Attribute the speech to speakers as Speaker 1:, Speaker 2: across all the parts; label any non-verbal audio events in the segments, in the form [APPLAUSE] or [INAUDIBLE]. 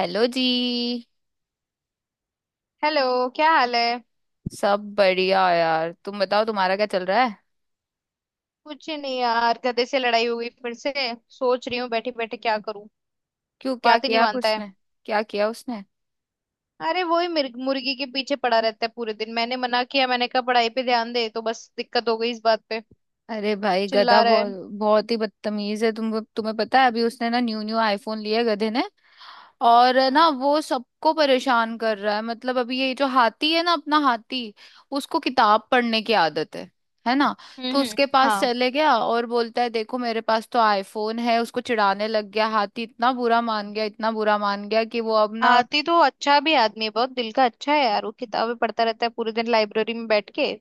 Speaker 1: Hello जी।
Speaker 2: Hello, क्या हाल है।
Speaker 1: सब बढ़िया यार, तुम बताओ तुम्हारा क्या चल रहा है।
Speaker 2: कुछ नहीं यार, गधे से लड़ाई हो गई फिर से। सोच रही हूँ बैठे बैठे क्या करूँ।
Speaker 1: क्यों, क्या
Speaker 2: बात ही नहीं
Speaker 1: किया
Speaker 2: मानता है।
Speaker 1: उसने? क्या किया उसने?
Speaker 2: अरे वही मुर्गी के पीछे पड़ा रहता है पूरे दिन। मैंने मना किया, मैंने कहा पढ़ाई पे ध्यान दे, तो बस दिक्कत हो गई इस बात पे।
Speaker 1: अरे भाई गधा
Speaker 2: चिल्ला रहा है।
Speaker 1: बहुत बहुत ही बदतमीज है। तुम्हें पता है अभी उसने ना न्यू न्यू आईफोन लिया है गधे ने। और ना
Speaker 2: हम्म।
Speaker 1: वो सबको परेशान कर रहा है। मतलब अभी ये जो हाथी है ना, अपना हाथी, उसको किताब पढ़ने की आदत है ना। तो
Speaker 2: हम्म हम्म,
Speaker 1: उसके पास
Speaker 2: हाँ।
Speaker 1: चले गया और बोलता है देखो मेरे पास तो आईफोन है। उसको चिढ़ाने लग गया। हाथी इतना बुरा मान गया, इतना बुरा मान गया कि वो अब ना
Speaker 2: आती तो अच्छा भी आदमी है, बहुत दिल का अच्छा है यार वो, किताबें पढ़ता रहता है पूरे दिन लाइब्रेरी में बैठ के।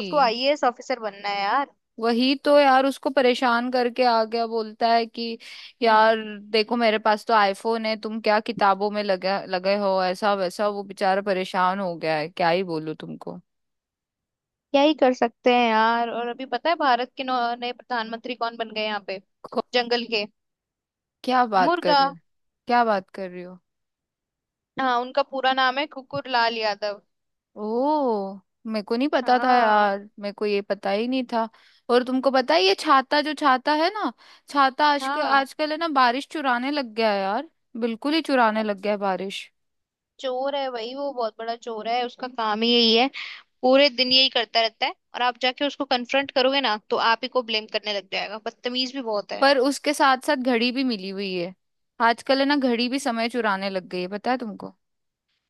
Speaker 2: उसको आईएएस ऑफिसर बनना है यार।
Speaker 1: वही तो यार, उसको परेशान करके आ गया, बोलता है कि यार
Speaker 2: हम्म।
Speaker 1: देखो मेरे पास तो आईफोन है, तुम क्या किताबों में लगे लगे हो ऐसा वैसा। वो बेचारा परेशान हो गया है, क्या ही बोलूं तुमको।
Speaker 2: क्या ही कर सकते हैं यार। और अभी पता है भारत के नए प्रधानमंत्री कौन बन गए यहाँ पे?
Speaker 1: को-
Speaker 2: जंगल के।
Speaker 1: क्या बात कर
Speaker 2: मुर्गा।
Speaker 1: रहे हो? क्या बात कर रही हो?
Speaker 2: हाँ, उनका पूरा नाम है कुकुर लाल यादव।
Speaker 1: ओ, मेरे को नहीं पता था
Speaker 2: हाँ।
Speaker 1: यार, मेरे को ये पता ही नहीं था। और तुमको पता है ये छाता, जो छाता है ना, छाता आजकल
Speaker 2: हाँ।
Speaker 1: आजकल है ना बारिश चुराने लग गया है यार। बिल्कुल ही चुराने लग गया है बारिश।
Speaker 2: चोर है भाई, वो बहुत बड़ा चोर है, उसका काम ही यही है। पूरे दिन यही करता रहता है, और आप जाके उसको कन्फ्रंट करोगे ना तो आप ही को ब्लेम करने लग जाएगा। बदतमीज भी बहुत है।
Speaker 1: पर उसके साथ साथ घड़ी भी मिली हुई है। आजकल है ना घड़ी भी समय चुराने लग गई है, पता है तुमको।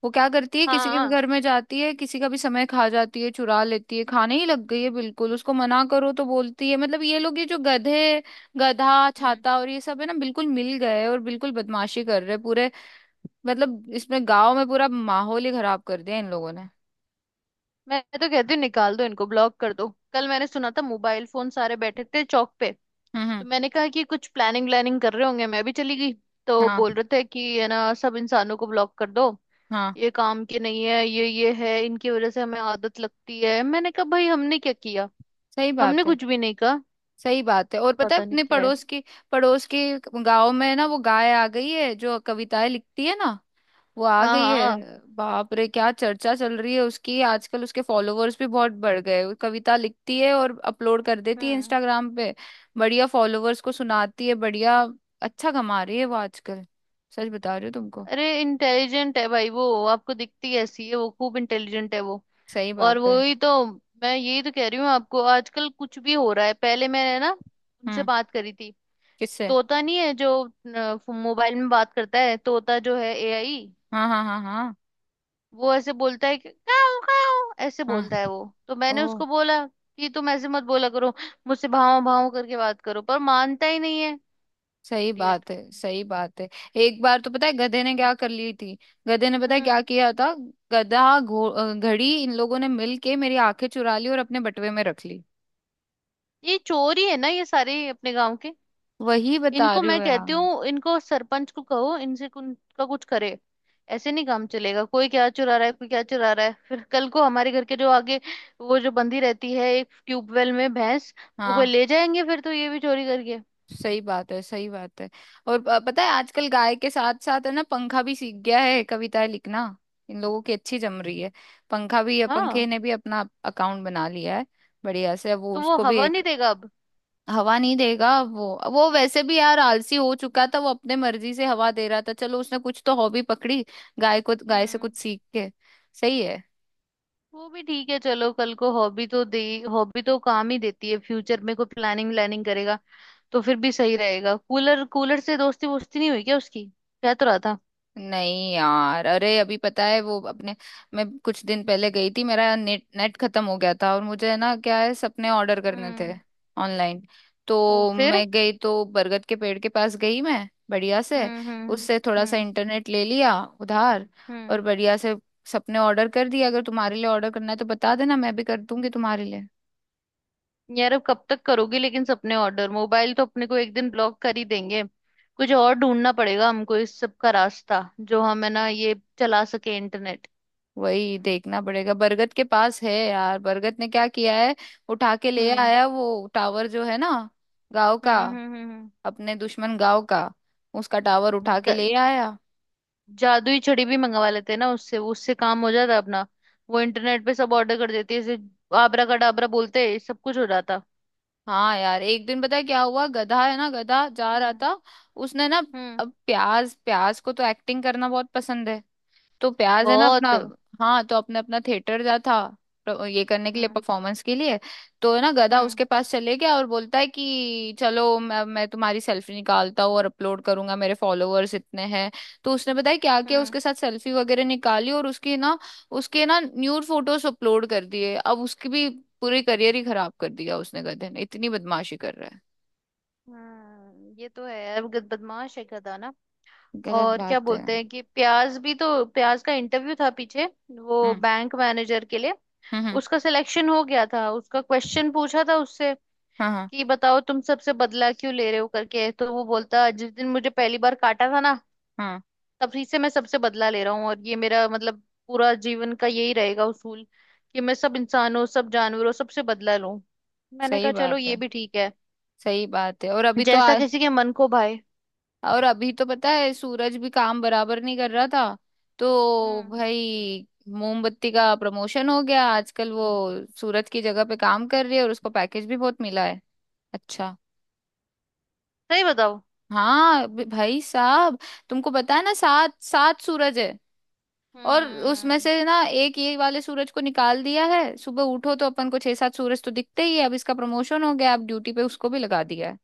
Speaker 1: वो क्या करती है, किसी के
Speaker 2: हाँ।
Speaker 1: घर में जाती है, किसी का भी समय खा जाती है, चुरा लेती है, खाने ही लग गई है बिल्कुल। उसको मना करो तो बोलती है। मतलब ये लोग, ये जो गधे, गधा,
Speaker 2: हम्म।
Speaker 1: छाता और ये सब है ना, बिल्कुल मिल गए और बिल्कुल बदमाशी कर रहे हैं पूरे। मतलब इसमें गांव में पूरा माहौल ही खराब कर दिया इन लोगों ने।
Speaker 2: मैं तो कहती हूँ निकाल दो इनको, ब्लॉक कर दो। कल मैंने सुना था, मोबाइल फोन सारे बैठे थे चौक पे,
Speaker 1: हम्म
Speaker 2: तो
Speaker 1: हम्म,
Speaker 2: मैंने कहा कि कुछ प्लानिंग व्लानिंग कर रहे होंगे, मैं भी चली गई। तो
Speaker 1: हाँ
Speaker 2: बोल रहे थे कि है ना सब इंसानों को ब्लॉक कर दो,
Speaker 1: हाँ।
Speaker 2: ये काम के नहीं है ये। है इनकी वजह से हमें आदत लगती है। मैंने कहा भाई हमने क्या किया,
Speaker 1: सही
Speaker 2: हमने
Speaker 1: बात है,
Speaker 2: कुछ भी नहीं कहा।
Speaker 1: सही बात है। और पता है
Speaker 2: पता नहीं
Speaker 1: अपने
Speaker 2: क्या है।
Speaker 1: पड़ोस के, पड़ोस के गांव में ना वो गाय आ गई है जो कविताएं लिखती है ना। वो आ
Speaker 2: हाँ
Speaker 1: गई
Speaker 2: हाँ।
Speaker 1: है, बाप रे क्या चर्चा चल रही है उसकी आजकल। उसके फॉलोवर्स भी बहुत बढ़ गए। वो कविता लिखती है और अपलोड कर देती है
Speaker 2: हम्म।
Speaker 1: इंस्टाग्राम पे। बढ़िया, फॉलोवर्स को सुनाती है। बढ़िया, अच्छा कमा रही है वो आजकल। सच बता रही हूँ तुमको।
Speaker 2: अरे इंटेलिजेंट है भाई वो, आपको दिखती ऐसी है, वो खूब इंटेलिजेंट है वो।
Speaker 1: सही
Speaker 2: और
Speaker 1: बात है।
Speaker 2: वो ही तो, मैं यही तो कह रही हूँ आपको, आजकल कुछ भी हो रहा है। पहले मैंने ना उनसे
Speaker 1: हम्म,
Speaker 2: बात करी थी।
Speaker 1: किससे?
Speaker 2: तोता नहीं है जो मोबाइल में बात करता है, तोता जो है एआई।
Speaker 1: हाँ हाँ हाँ हाँ,
Speaker 2: वो ऐसे बोलता है कि काऊ काऊ, ऐसे
Speaker 1: हाँ,
Speaker 2: बोलता है वो, तो मैंने
Speaker 1: ओ।
Speaker 2: उसको बोला कि तुम ऐसे मत बोला करो। मुझसे भाव भाव करके बात करो, पर मानता ही नहीं है।
Speaker 1: सही
Speaker 2: इडियट।
Speaker 1: बात है, सही बात है। एक बार तो पता है गधे ने क्या कर ली थी। गधे ने पता है क्या
Speaker 2: हम्म।
Speaker 1: किया था। गधा घड़ी इन लोगों ने मिल के मेरी आंखें चुरा ली और अपने बटुए में रख ली।
Speaker 2: ये चोरी है ना, ये सारे अपने गांव के।
Speaker 1: वही बता
Speaker 2: इनको
Speaker 1: रही हो
Speaker 2: मैं
Speaker 1: यार।
Speaker 2: कहती हूँ, इनको सरपंच को कहो, इनसे का कुछ करे। ऐसे नहीं काम चलेगा, कोई क्या चुरा रहा है, कोई क्या चुरा रहा है। [LAUGHS] फिर कल को हमारे घर के जो आगे वो जो बंधी रहती है एक ट्यूबवेल में भैंस, वो कोई
Speaker 1: हाँ।
Speaker 2: ले जाएंगे फिर, तो ये भी चोरी करके।
Speaker 1: सही बात है, सही बात है। और पता है आजकल गाय के साथ साथ है ना पंखा भी सीख गया है कविताएं लिखना। इन लोगों की अच्छी जम रही है। पंखा भी, पंखे
Speaker 2: हाँ,
Speaker 1: ने भी अपना अकाउंट बना लिया है। बढ़िया से अब वो
Speaker 2: तो वो
Speaker 1: उसको भी
Speaker 2: हवा
Speaker 1: एक
Speaker 2: नहीं देगा अब।
Speaker 1: हवा नहीं देगा वो। वो वैसे भी यार आलसी हो चुका था, वो अपने मर्जी से हवा दे रहा था, चलो उसने कुछ तो हॉबी पकड़ी। गाय को, गाय से कुछ
Speaker 2: हम्म।
Speaker 1: सीख के। सही है।
Speaker 2: वो भी ठीक है, चलो कल को हॉबी तो दे। हॉबी तो काम ही देती है फ्यूचर में, कोई प्लानिंग व्लानिंग करेगा तो फिर भी सही रहेगा। कूलर कूलर से दोस्ती वोस्ती नहीं हुई क्या उसकी? कह तो रहा था।
Speaker 1: नहीं यार, अरे अभी पता है वो अपने, मैं कुछ दिन पहले गई थी मेरा नेट नेट खत्म हो गया था और मुझे ना क्या है सपने ऑर्डर करने थे
Speaker 2: हम्म।
Speaker 1: ऑनलाइन।
Speaker 2: ओ,
Speaker 1: तो
Speaker 2: फिर।
Speaker 1: मैं गई तो बरगद के पेड़ के पास गई मैं बढ़िया से।
Speaker 2: हम्म हम्म
Speaker 1: उससे थोड़ा सा
Speaker 2: हम्म
Speaker 1: इंटरनेट ले लिया, उधार। और
Speaker 2: हम्म
Speaker 1: बढ़िया से सपने ऑर्डर कर दिया। अगर तुम्हारे लिए ऑर्डर करना है तो बता देना, मैं भी कर दूंगी तुम्हारे लिए।
Speaker 2: यार अब कब तक करोगी लेकिन सपने ऑर्डर? मोबाइल तो अपने को एक दिन ब्लॉक कर ही देंगे। कुछ और ढूंढना पड़ेगा हमको इस सब का रास्ता, जो हम है ना ये चला सके इंटरनेट।
Speaker 1: वही देखना पड़ेगा। बरगद के पास है यार, बरगद ने क्या किया है, उठा के ले
Speaker 2: हम्म
Speaker 1: आया वो टावर जो है ना गाँव का,
Speaker 2: हम्म हम्म हम्म हम्म।
Speaker 1: अपने दुश्मन गांव का, उसका टावर उठा के
Speaker 2: द-
Speaker 1: ले आया।
Speaker 2: जादुई छड़ी भी मंगवा लेते हैं ना उससे, उससे काम हो जाता अपना। वो इंटरनेट पे सब ऑर्डर कर देती है, जैसे आबरा कडाबरा बोलते सब कुछ हो जाता।
Speaker 1: हाँ यार एक दिन पता है क्या हुआ, गधा है ना, गधा जा रहा
Speaker 2: हम्म।
Speaker 1: था, उसने ना,
Speaker 2: हम्म।
Speaker 1: अब प्याज, प्याज को तो एक्टिंग करना बहुत पसंद है। तो प्याज है ना अपना,
Speaker 2: बहुत।
Speaker 1: हाँ तो अपने अपना थिएटर जा था, ये करने के लिए,
Speaker 2: हम्म
Speaker 1: परफॉर्मेंस के लिए। तो है ना गधा
Speaker 2: हम्म
Speaker 1: उसके पास चले गया और बोलता है कि चलो मैं तुम्हारी सेल्फी निकालता हूँ और अपलोड करूंगा, मेरे फॉलोअर्स इतने हैं। तो उसने बताया क्या किया
Speaker 2: हम्म
Speaker 1: उसके साथ, सेल्फी वगैरह निकाली और उसकी ना, उसके ना न्यूड फोटोज अपलोड कर दिए। अब उसकी भी पूरी करियर ही खराब कर दिया उसने गधे ने, इतनी बदमाशी कर रहा है।
Speaker 2: ये तो है, अब बदमाश है गधा ना।
Speaker 1: गलत
Speaker 2: और क्या
Speaker 1: बात है।
Speaker 2: बोलते हैं कि प्याज भी, तो प्याज का इंटरव्यू था पीछे, वो
Speaker 1: हम्म
Speaker 2: बैंक मैनेजर के लिए।
Speaker 1: हम्म,
Speaker 2: उसका सिलेक्शन हो गया था, उसका क्वेश्चन पूछा था उससे
Speaker 1: हाँ हाँ
Speaker 2: कि बताओ तुम सबसे बदला क्यों ले रहे हो करके, तो वो बोलता जिस दिन मुझे पहली बार काटा था ना,
Speaker 1: हाँ।
Speaker 2: तभी से मैं सबसे बदला ले रहा हूँ। और ये मेरा मतलब पूरा जीवन का यही रहेगा उसूल, कि मैं सब इंसानों, सब जानवरों सबसे बदला लूं। मैंने
Speaker 1: सही
Speaker 2: कहा चलो
Speaker 1: बात
Speaker 2: ये
Speaker 1: है,
Speaker 2: भी ठीक है,
Speaker 1: सही बात है।
Speaker 2: जैसा किसी के मन को भाए।
Speaker 1: और अभी तो पता है सूरज भी काम बराबर नहीं कर रहा था। तो
Speaker 2: हम्म।
Speaker 1: भाई मोमबत्ती का प्रमोशन हो गया आजकल। वो सूरज की जगह पे काम कर रही है और उसको पैकेज भी बहुत मिला है। अच्छा।
Speaker 2: सही बताओ?
Speaker 1: हाँ भाई साहब, तुमको पता है ना सात सात सूरज है। और उसमें
Speaker 2: हम्म।
Speaker 1: से ना एक ये वाले सूरज को निकाल दिया है। सुबह उठो तो अपन को छह सात सूरज तो दिखते ही है। अब इसका प्रमोशन हो गया, अब ड्यूटी पे उसको भी लगा दिया है,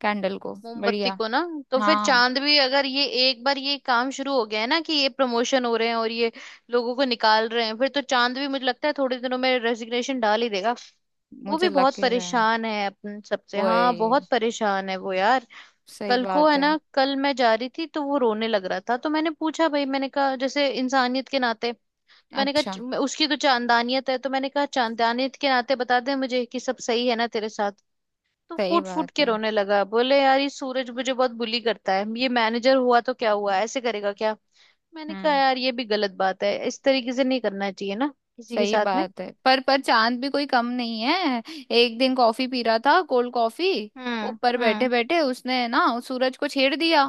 Speaker 1: कैंडल को।
Speaker 2: मोमबत्ती
Speaker 1: बढ़िया।
Speaker 2: को ना। तो फिर
Speaker 1: हाँ,
Speaker 2: चांद भी, अगर ये एक बार ये काम शुरू हो गया है ना कि ये प्रमोशन हो रहे हैं और ये लोगों को निकाल रहे हैं, फिर तो चांद भी मुझे लगता है थोड़े दिनों में रेजिग्नेशन डाल ही देगा। वो
Speaker 1: मुझे
Speaker 2: भी
Speaker 1: लग
Speaker 2: बहुत
Speaker 1: ही रहा है।
Speaker 2: परेशान है अपन सबसे, हाँ,
Speaker 1: वही,
Speaker 2: बहुत परेशान है वो यार।
Speaker 1: सही
Speaker 2: कल को
Speaker 1: बात
Speaker 2: है
Speaker 1: है।
Speaker 2: ना, कल मैं जा रही थी तो वो रोने लग रहा था, तो मैंने पूछा भाई, मैंने कहा जैसे इंसानियत के नाते, मैंने कहा
Speaker 1: अच्छा,
Speaker 2: उसकी तो चांदानियत है, तो मैंने कहा चांदानियत के नाते बता दे मुझे कि सब सही है ना तेरे साथ। तो
Speaker 1: सही
Speaker 2: फूट फूट
Speaker 1: बात
Speaker 2: के
Speaker 1: है।
Speaker 2: रोने लगा, बोले यार ये सूरज मुझे बहुत बुली करता है, ये मैनेजर हुआ तो क्या हुआ ऐसे करेगा क्या। मैंने कहा
Speaker 1: हम्म,
Speaker 2: यार ये भी गलत बात है, इस तरीके से नहीं करना चाहिए ना किसी के
Speaker 1: सही
Speaker 2: साथ में।
Speaker 1: बात है। पर चांद भी कोई कम नहीं है। एक दिन कॉफी पी रहा था, कोल्ड कॉफी,
Speaker 2: हम्म।
Speaker 1: ऊपर बैठे
Speaker 2: हम्म।
Speaker 1: बैठे उसने ना उस सूरज को छेड़ दिया।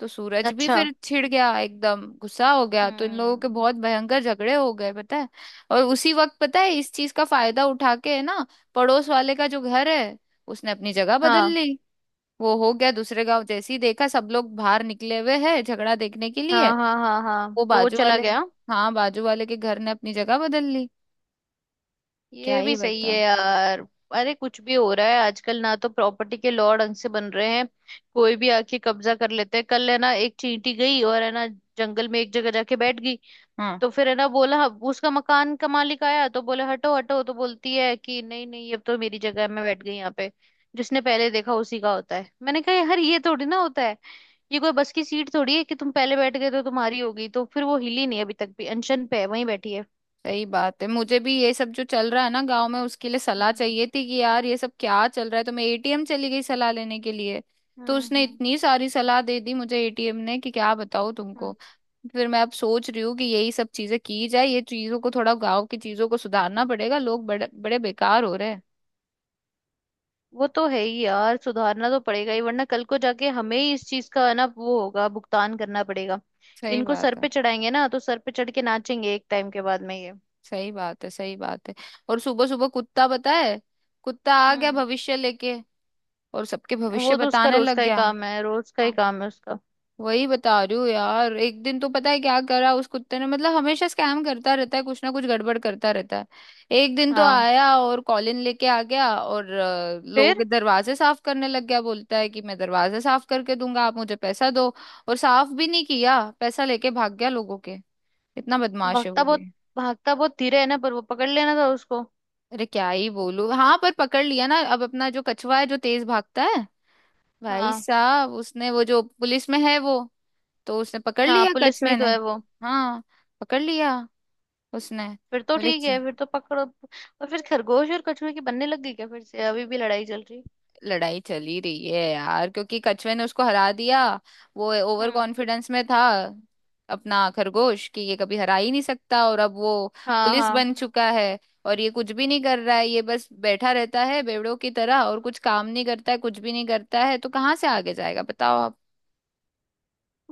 Speaker 1: तो सूरज भी
Speaker 2: अच्छा।
Speaker 1: फिर छिड़ गया, एकदम गुस्सा हो गया। तो इन लोगों के
Speaker 2: हम्म।
Speaker 1: बहुत भयंकर झगड़े हो गए, पता है। और उसी वक्त पता है इस चीज का फायदा उठा के ना, पड़ोस वाले का जो घर है, उसने अपनी जगह बदल
Speaker 2: हाँ
Speaker 1: ली। वो हो गया दूसरे गांव। जैसे ही देखा सब लोग बाहर निकले हुए हैं झगड़ा देखने के लिए,
Speaker 2: हाँ हाँ हाँ हाँ,
Speaker 1: वो
Speaker 2: तो वो
Speaker 1: बाजू
Speaker 2: चला
Speaker 1: वाले,
Speaker 2: गया।
Speaker 1: हाँ, बाजू वाले के घर ने अपनी जगह बदल ली। क्या
Speaker 2: ये भी
Speaker 1: ही
Speaker 2: सही
Speaker 1: बता।
Speaker 2: है यार। अरे कुछ भी हो रहा है आजकल, ना तो प्रॉपर्टी के लॉ ढंग से बन रहे हैं, कोई भी आके कब्जा कर लेते हैं। कल है ना एक चींटी गई और है ना जंगल में एक जगह जाके बैठ गई,
Speaker 1: हाँ,
Speaker 2: तो फिर है ना बोला, उसका मकान का मालिक आया तो बोले हटो हटो, तो बोलती है कि नहीं नहीं अब तो मेरी जगह है, मैं बैठ गई यहाँ पे, जिसने पहले देखा उसी का होता है। मैंने कहा यार ये थोड़ी ना होता है, ये कोई बस की सीट थोड़ी है कि तुम पहले बैठ गए तो तुम्हारी हो गई। तो फिर वो हिली नहीं, अभी तक भी अनशन पे है, वहीं बैठी है।
Speaker 1: सही बात है। मुझे भी ये सब जो चल रहा है ना गांव में उसके लिए सलाह
Speaker 2: हम्म।
Speaker 1: चाहिए थी कि यार ये सब क्या चल रहा है। तो मैं एटीएम चली गई सलाह लेने के लिए। तो
Speaker 2: हम्म
Speaker 1: उसने
Speaker 2: हम्म,
Speaker 1: इतनी सारी सलाह दे दी मुझे एटीएम ने कि क्या बताऊँ तुमको।
Speaker 2: हम्म।
Speaker 1: फिर मैं अब सोच रही हूँ कि यही सब चीजें की जाए, ये चीजों को, थोड़ा गांव की चीजों को सुधारना पड़ेगा। लोग बड़े बड़े बेकार हो रहे हैं।
Speaker 2: वो तो है ही यार, सुधारना तो पड़ेगा ही, वरना कल को जाके हमें ही इस चीज का है ना वो होगा, भुगतान करना पड़ेगा।
Speaker 1: सही
Speaker 2: इनको सर
Speaker 1: बात है,
Speaker 2: पे चढ़ाएंगे ना तो सर पे चढ़ के नाचेंगे एक टाइम के बाद में ये।
Speaker 1: सही बात है, सही बात है। और सुबह सुबह कुत्ता, पता है, कुत्ता आ गया
Speaker 2: हम्म।
Speaker 1: भविष्य लेके और सबके भविष्य
Speaker 2: वो तो उसका
Speaker 1: बताने
Speaker 2: रोज
Speaker 1: लग
Speaker 2: का ही
Speaker 1: गया।
Speaker 2: काम है, रोज का ही
Speaker 1: हाँ,
Speaker 2: काम है उसका।
Speaker 1: वही बता रही हूँ यार। एक दिन तो पता है क्या करा उस कुत्ते ने, मतलब हमेशा स्कैम करता रहता है, कुछ ना कुछ गड़बड़ करता रहता है। एक दिन तो
Speaker 2: हाँ।
Speaker 1: आया और कॉलिन लेके आ गया और लोगों के
Speaker 2: फिर
Speaker 1: दरवाजे साफ करने लग गया। बोलता है कि मैं दरवाजे साफ करके दूंगा, आप मुझे पैसा दो। और साफ भी नहीं किया, पैसा लेके भाग गया लोगों के। इतना बदमाश है
Speaker 2: भागता
Speaker 1: वो
Speaker 2: बहुत,
Speaker 1: भी।
Speaker 2: भागता बहुत धीरे है ना, पर वो पकड़ लेना था उसको।
Speaker 1: अरे क्या ही बोलू। हाँ, पर पकड़ लिया ना। अब अपना जो कछुआ है जो तेज भागता है, भाई
Speaker 2: हाँ।
Speaker 1: साहब, उसने, वो जो पुलिस में है वो, तो उसने पकड़
Speaker 2: हाँ,
Speaker 1: लिया
Speaker 2: पुलिस में
Speaker 1: कछुए
Speaker 2: ही तो
Speaker 1: ने।
Speaker 2: है वो।
Speaker 1: हाँ, पकड़ लिया उसने।
Speaker 2: फिर तो
Speaker 1: बोले
Speaker 2: ठीक है, फिर तो पकड़ो। और फिर खरगोश और कछुए की बनने लग गई क्या फिर से, अभी भी लड़ाई चल रही?
Speaker 1: लड़ाई चली रही है यार क्योंकि कछुए ने उसको हरा दिया। वो ओवर
Speaker 2: हम्म।
Speaker 1: कॉन्फिडेंस में था अपना खरगोश, कि ये कभी हरा ही नहीं सकता। और अब वो
Speaker 2: हाँ
Speaker 1: पुलिस
Speaker 2: हाँ।
Speaker 1: बन चुका है। और ये कुछ भी नहीं कर रहा है, ये बस बैठा रहता है बेवड़ों की तरह, और कुछ काम नहीं करता है, कुछ भी नहीं करता है। तो कहाँ से आगे जाएगा बताओ आप।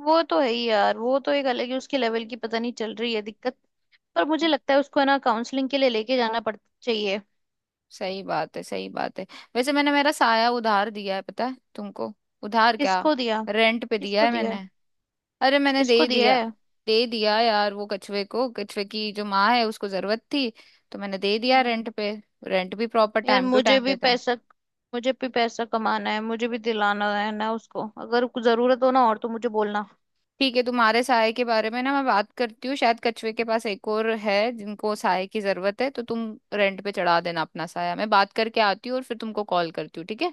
Speaker 2: वो तो है ही यार, वो तो एक अलग ही उसके लेवल की पता नहीं चल रही है दिक्कत। पर मुझे लगता है उसको है ना काउंसलिंग के लिए लेके जाना पड़ चाहिए।
Speaker 1: सही बात है, सही बात है। वैसे मैंने मेरा साया उधार दिया है, पता है तुमको। उधार क्या?
Speaker 2: किसको दिया?
Speaker 1: रेंट पे दिया
Speaker 2: किसको
Speaker 1: है
Speaker 2: दिया?
Speaker 1: मैंने। अरे मैंने
Speaker 2: किसको
Speaker 1: दे
Speaker 2: दिया
Speaker 1: दिया।
Speaker 2: है?
Speaker 1: दे दिया यार वो कछुए को, कछुए की जो माँ है उसको जरूरत थी, तो मैंने दे दिया
Speaker 2: हम्म।
Speaker 1: रेंट पे। रेंट भी प्रॉपर
Speaker 2: यार
Speaker 1: टाइम टू
Speaker 2: मुझे
Speaker 1: टाइम
Speaker 2: भी
Speaker 1: देता है।
Speaker 2: पैसा, मुझे भी पैसा कमाना है, मुझे भी दिलाना है ना, उसको अगर कुछ जरूरत हो ना और, तो मुझे बोलना।
Speaker 1: ठीक है, तुम्हारे साय के बारे में ना मैं बात करती हूँ, शायद कछुए के पास एक और है जिनको साय की जरूरत है, तो तुम रेंट पे चढ़ा देना अपना साया। मैं बात करके आती हूँ और फिर तुमको कॉल करती हूँ, ठीक है।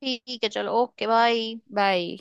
Speaker 2: ठीक है, चलो ओके, बाय।
Speaker 1: बाय।